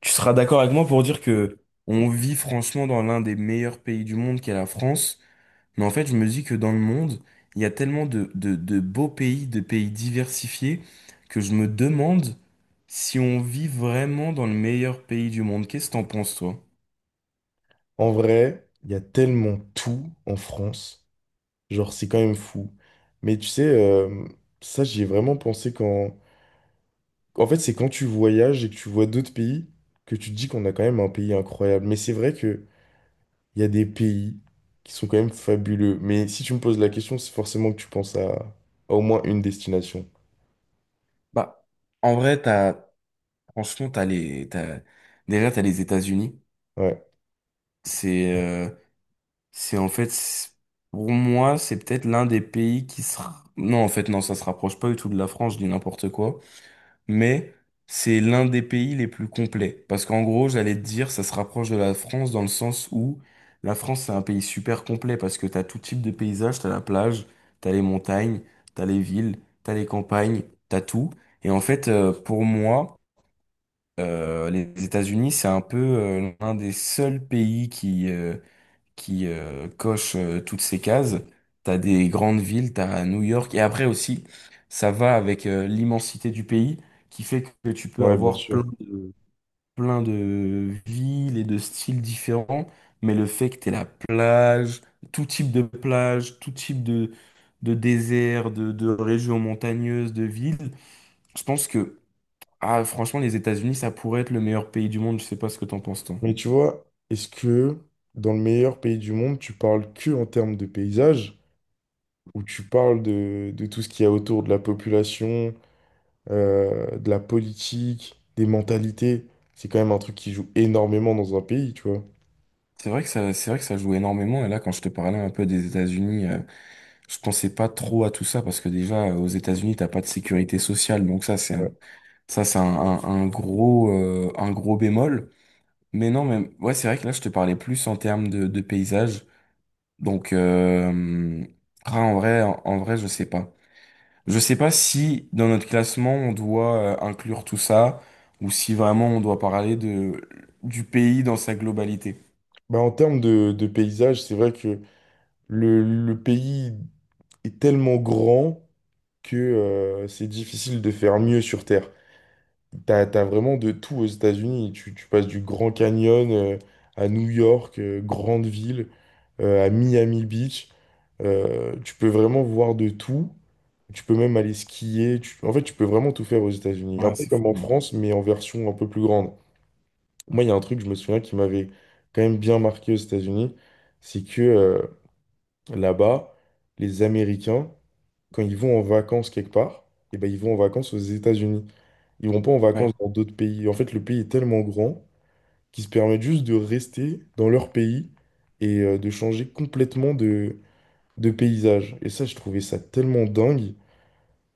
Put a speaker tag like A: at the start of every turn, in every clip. A: Tu seras d'accord avec moi pour dire que on vit franchement dans l'un des meilleurs pays du monde qu'est la France, mais en fait, je me dis que dans le monde, il y a tellement de beaux pays, de pays diversifiés, que je me demande si on vit vraiment dans le meilleur pays du monde. Qu'est-ce que t'en penses, toi?
B: En vrai, il y a tellement tout en France. Genre, c'est quand même fou. Mais tu sais, ça, j'y ai vraiment pensé quand... En fait, c'est quand tu voyages et que tu vois d'autres pays que tu te dis qu'on a quand même un pays incroyable. Mais c'est vrai qu'il y a des pays qui sont quand même fabuleux. Mais si tu me poses la question, c'est forcément que tu penses à au moins une destination.
A: Bah, en vrai, franchement, déjà, t'as les États-Unis.
B: Ouais,
A: C'est, euh, c'est en fait, c'est- pour moi, c'est peut-être l'un des pays qui sera, non, en fait, non, ça se rapproche pas du tout de la France, je dis n'importe quoi. Mais c'est l'un des pays les plus complets. Parce qu'en gros, j'allais te dire, ça se rapproche de la France dans le sens où la France, c'est un pays super complet parce que t'as tout type de paysage, t'as la plage, t'as les montagnes, t'as les villes, t'as les campagnes, t'as tout. Et en fait, pour moi, les États-Unis, c'est un peu l'un des seuls pays qui coche toutes ces cases. T'as des grandes villes, t'as New York, et après aussi, ça va avec l'immensité du pays, qui fait que tu peux
B: ouais, bien
A: avoir
B: sûr.
A: plein de villes et de styles différents, mais le fait que t'aies la plage, tout type de plage, de désert, de régions montagneuses, de villes, je pense que, ah, franchement, les États-Unis, ça pourrait être le meilleur pays du monde, je sais pas ce que t'en penses, toi.
B: Mais tu vois, est-ce que dans le meilleur pays du monde, tu parles que en termes de paysage? Où tu parles de tout ce qu'il y a autour de la population, de la politique, des mentalités. C'est quand même un truc qui joue énormément dans un pays, tu vois.
A: C'est vrai que ça, c'est vrai que ça joue énormément. Et là, quand je te parlais un peu des États-Unis, je pensais pas trop à tout ça parce que déjà, aux États-Unis, t'as pas de sécurité sociale.
B: Ouais.
A: Ça, c'est un gros bémol. Mais non, mais ouais, c'est vrai que là, je te parlais plus en termes de paysage. Donc, ah, en vrai, je sais pas. Je sais pas si dans notre classement, on doit inclure tout ça ou si vraiment on doit parler du pays dans sa globalité.
B: Bah, en termes de paysage, c'est vrai que le pays est tellement grand que c'est difficile de faire mieux sur Terre. T'as vraiment de tout aux États-Unis. Tu passes du Grand Canyon à New York, grande ville, à Miami Beach. Tu peux vraiment voir de tout. Tu peux même aller skier. En fait, tu peux vraiment tout faire aux États-Unis. Un
A: Ouais,
B: peu
A: c'est fou,
B: comme en
A: hein.
B: France, mais en version un peu plus grande. Moi, il y a un truc, je me souviens, qui m'avait quand même bien marqué aux États-Unis, c'est que là-bas, les Américains, quand ils vont en vacances quelque part, eh ben, ils vont en vacances aux États-Unis. Ils vont pas en vacances dans d'autres pays. En fait, le pays est tellement grand qu'ils se permettent juste de rester dans leur pays et de changer complètement de paysages. Et ça, je trouvais ça tellement dingue.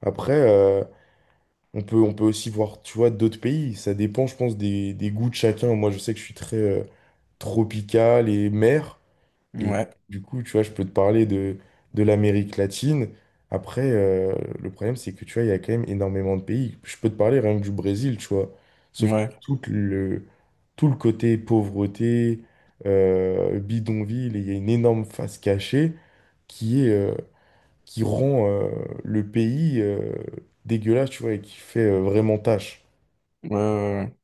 B: Après, on peut aussi voir, tu vois, d'autres pays. Ça dépend, je pense, des goûts de chacun. Moi, je sais que je suis très tropical et mer.
A: Ouais.
B: Et
A: Ouais.
B: du coup, tu vois, je peux te parler de l'Amérique latine. Après, le problème, c'est que, tu vois, il y a quand même énormément de pays. Je peux te parler rien que du Brésil, tu vois. Sauf que
A: Ouais,
B: tout tout le côté pauvreté, bidonville, et il y a une énorme face cachée qui est, qui rend le pays dégueulasse, tu vois, et qui fait vraiment tâche.
A: ouais, ouais, ouais.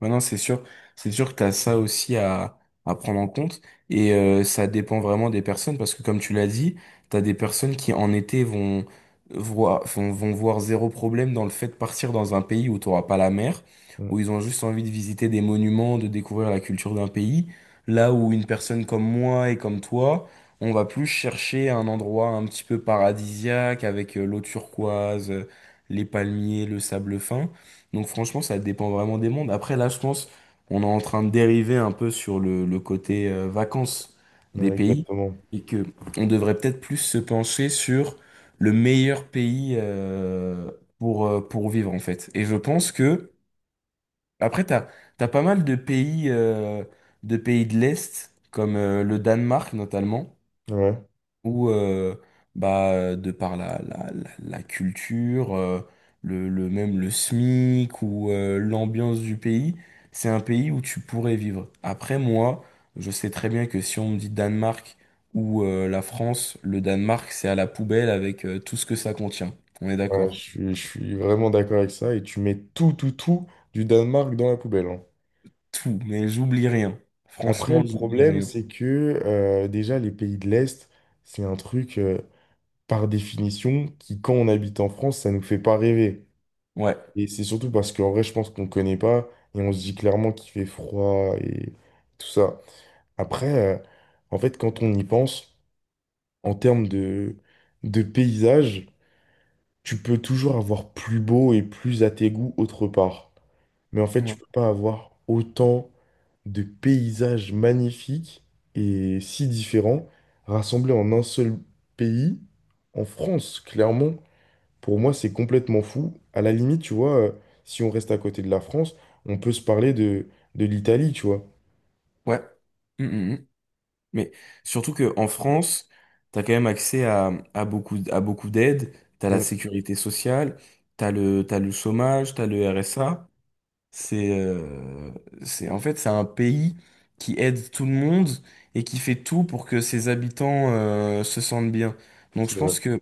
A: Ouais, non, c'est sûr que t'as ça aussi à prendre en compte et ça dépend vraiment des personnes parce que comme tu l'as dit, t'as des personnes qui en été vont vont voir zéro problème dans le fait de partir dans un pays où t'auras pas la mer, où ils ont juste envie de visiter des monuments, de découvrir la culture d'un pays, là où une personne comme moi et comme toi, on va plus chercher un endroit un petit peu paradisiaque avec l'eau turquoise, les palmiers, le sable fin. Donc franchement, ça dépend vraiment des mondes. Après, là, je pense, on est en train de dériver un peu sur le côté vacances des pays
B: Exactement.
A: et que on devrait peut-être plus se pencher sur le meilleur pays pour vivre en fait. Et je pense que après, t'as pas mal de pays de pays de l'Est comme le Danemark notamment
B: Ouais,
A: où de par la culture le même le SMIC ou l'ambiance du pays, c'est un pays où tu pourrais vivre. Après moi je sais très bien que si on me dit Danemark ou la France, le Danemark c'est à la poubelle avec tout ce que ça contient, on est
B: Ouais, je
A: d'accord.
B: suis, je suis vraiment d'accord avec ça. Et tu mets tout, tout, tout du Danemark dans la poubelle, hein.
A: Tout, mais j'oublie rien,
B: Après,
A: franchement
B: le
A: j'oublie
B: problème,
A: rien.
B: c'est que déjà, les pays de l'Est, c'est un truc, par définition, qui, quand on habite en France, ça nous fait pas rêver.
A: Ouais,
B: Et c'est surtout parce qu'en vrai, je pense qu'on connaît pas et on se dit clairement qu'il fait froid et tout ça. Après, en fait, quand on y pense, en termes de paysage, tu peux toujours avoir plus beau et plus à tes goûts autre part. Mais en fait, tu
A: ouais,
B: peux pas avoir autant de paysages magnifiques et si différents rassemblés en un seul pays, en France, clairement. Pour moi, c'est complètement fou. À la limite, tu vois, si on reste à côté de la France, on peut se parler de l'Italie, tu vois.
A: ouais. Mm, mm, mm. Mais surtout que en France, t'as quand même accès à beaucoup d'aides. T'as la
B: Mm,
A: sécurité sociale, t'as le chômage, tu as le RSA. C'est, euh, c'est un pays qui aide tout le monde et qui fait tout pour que ses habitants, se sentent bien. Donc
B: c'est
A: je
B: vrai.
A: pense que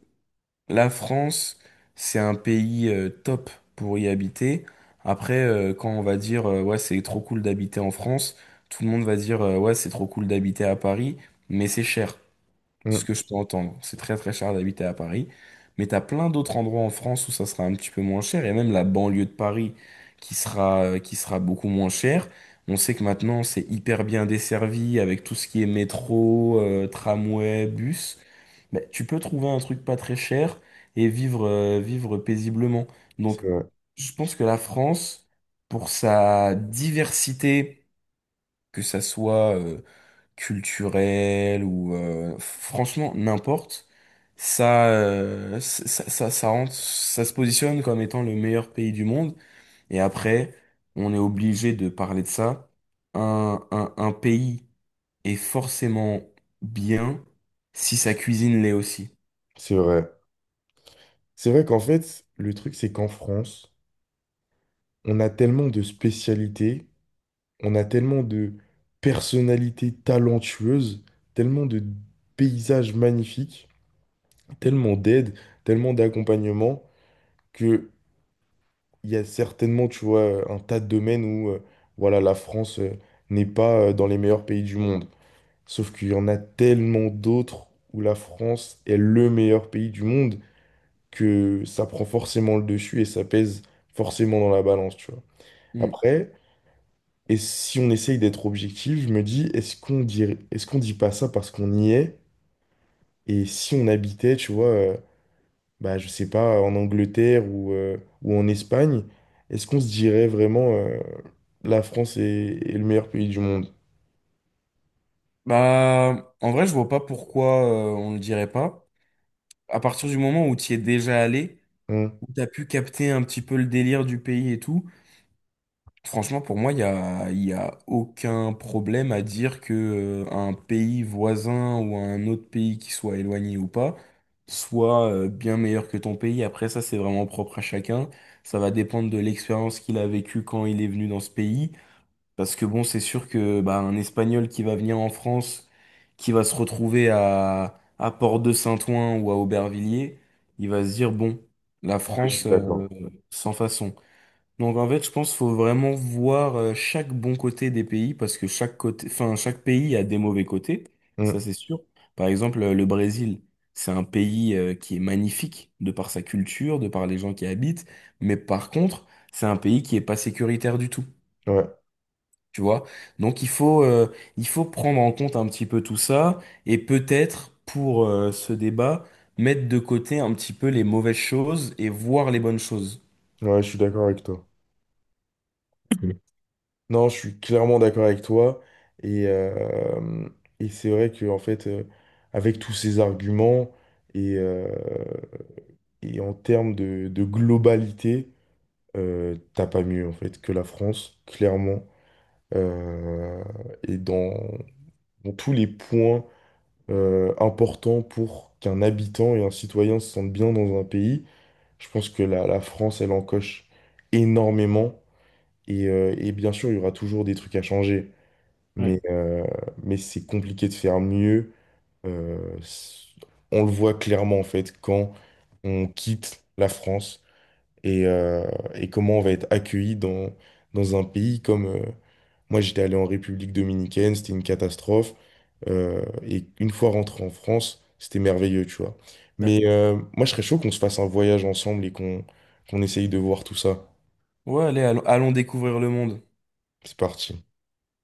A: la France, c'est un pays top pour y habiter. Après, quand on va dire ouais, c'est trop cool d'habiter en France, tout le monde va dire ouais, c'est trop cool d'habiter à Paris, mais c'est cher, ce
B: Mm,
A: que je peux entendre. C'est très très cher d'habiter à Paris, mais tu as plein d'autres endroits en France où ça sera un petit peu moins cher, et même la banlieue de Paris qui sera beaucoup moins chère. On sait que maintenant c'est hyper bien desservi avec tout ce qui est métro, tramway, bus. Mais tu peux trouver un truc pas très cher et vivre, vivre paisiblement. Donc
B: c'est vrai.
A: je pense que la France, pour sa diversité, que ça soit... culturel ou franchement n'importe, ça, ça rentre, ça se positionne comme étant le meilleur pays du monde. Et après on est obligé de parler de ça: un pays est forcément bien si sa cuisine l'est aussi.
B: C'est vrai. C'est vrai qu'en fait, le truc, c'est qu'en France, on a tellement de spécialités, on a tellement de personnalités talentueuses, tellement de paysages magnifiques, tellement d'aide, tellement d'accompagnement, que il y a certainement, tu vois, un tas de domaines où, voilà, la France, n'est pas, dans les meilleurs pays du monde. Sauf qu'il y en a tellement d'autres où la France est le meilleur pays du monde que ça prend forcément le dessus et ça pèse forcément dans la balance, tu vois.
A: Mm.
B: Après, et si on essaye d'être objectif, je me dis, est-ce qu'on dit pas ça parce qu'on y est? Et si on habitait, tu vois, bah, je sais pas, en Angleterre ou en Espagne, est-ce qu'on se dirait vraiment la France est, est le meilleur pays du monde?
A: Bah en vrai je vois pas pourquoi on le dirait pas, à partir du moment où tu y es déjà allé,
B: Hein.
A: où t'as pu capter un petit peu le délire du pays et tout. Franchement, pour moi, il y a aucun problème à dire que un pays voisin ou un autre pays qui soit éloigné ou pas soit bien meilleur que ton pays. Après, ça, c'est vraiment propre à chacun. Ça va dépendre de l'expérience qu'il a vécue quand il est venu dans ce pays. Parce que bon, c'est sûr que bah, un Espagnol qui va venir en France, qui va se retrouver à Port-de-Saint-Ouen ou à Aubervilliers, il va se dire, bon, la
B: Ouais, je
A: France,
B: suis d'accord.
A: sans façon. Donc en fait, je pense qu'il faut vraiment voir chaque bon côté des pays parce que chaque pays a des mauvais côtés, ça
B: Hum,
A: c'est sûr. Par exemple, le Brésil, c'est un pays qui est magnifique de par sa culture, de par les gens qui y habitent, mais par contre, c'est un pays qui est pas sécuritaire du tout,
B: ouais,
A: tu vois. Donc il faut prendre en compte un petit peu tout ça et peut-être pour ce débat, mettre de côté un petit peu les mauvaises choses et voir les bonnes choses.
B: ouais, je suis d'accord avec toi.
A: Mm.
B: Non, je suis clairement d'accord avec toi. Et, euh, et c'est vrai que, en fait, avec tous ces arguments et, euh, et en termes de globalité, t'as pas mieux en fait que la France, clairement. Euh, et dans, dans tous les points importants pour qu'un habitant et un citoyen se sentent bien dans un pays, je pense que la France, elle en coche énormément. Et bien sûr, il y aura toujours des trucs à changer. Mais, euh, mais c'est compliqué de faire mieux. Euh, c- on le voit clairement en fait quand on quitte la France et, euh, et comment on va être accueilli dans, dans un pays comme... moi, j'étais allé en République dominicaine, c'était une catastrophe. Et une fois rentré en France, c'était merveilleux, tu vois.
A: Ouais.
B: Mais moi, je serais chaud qu'on se fasse un voyage ensemble et qu'on qu'on essaye de voir tout ça.
A: Ouais, allez, allons découvrir le monde.
B: C'est parti.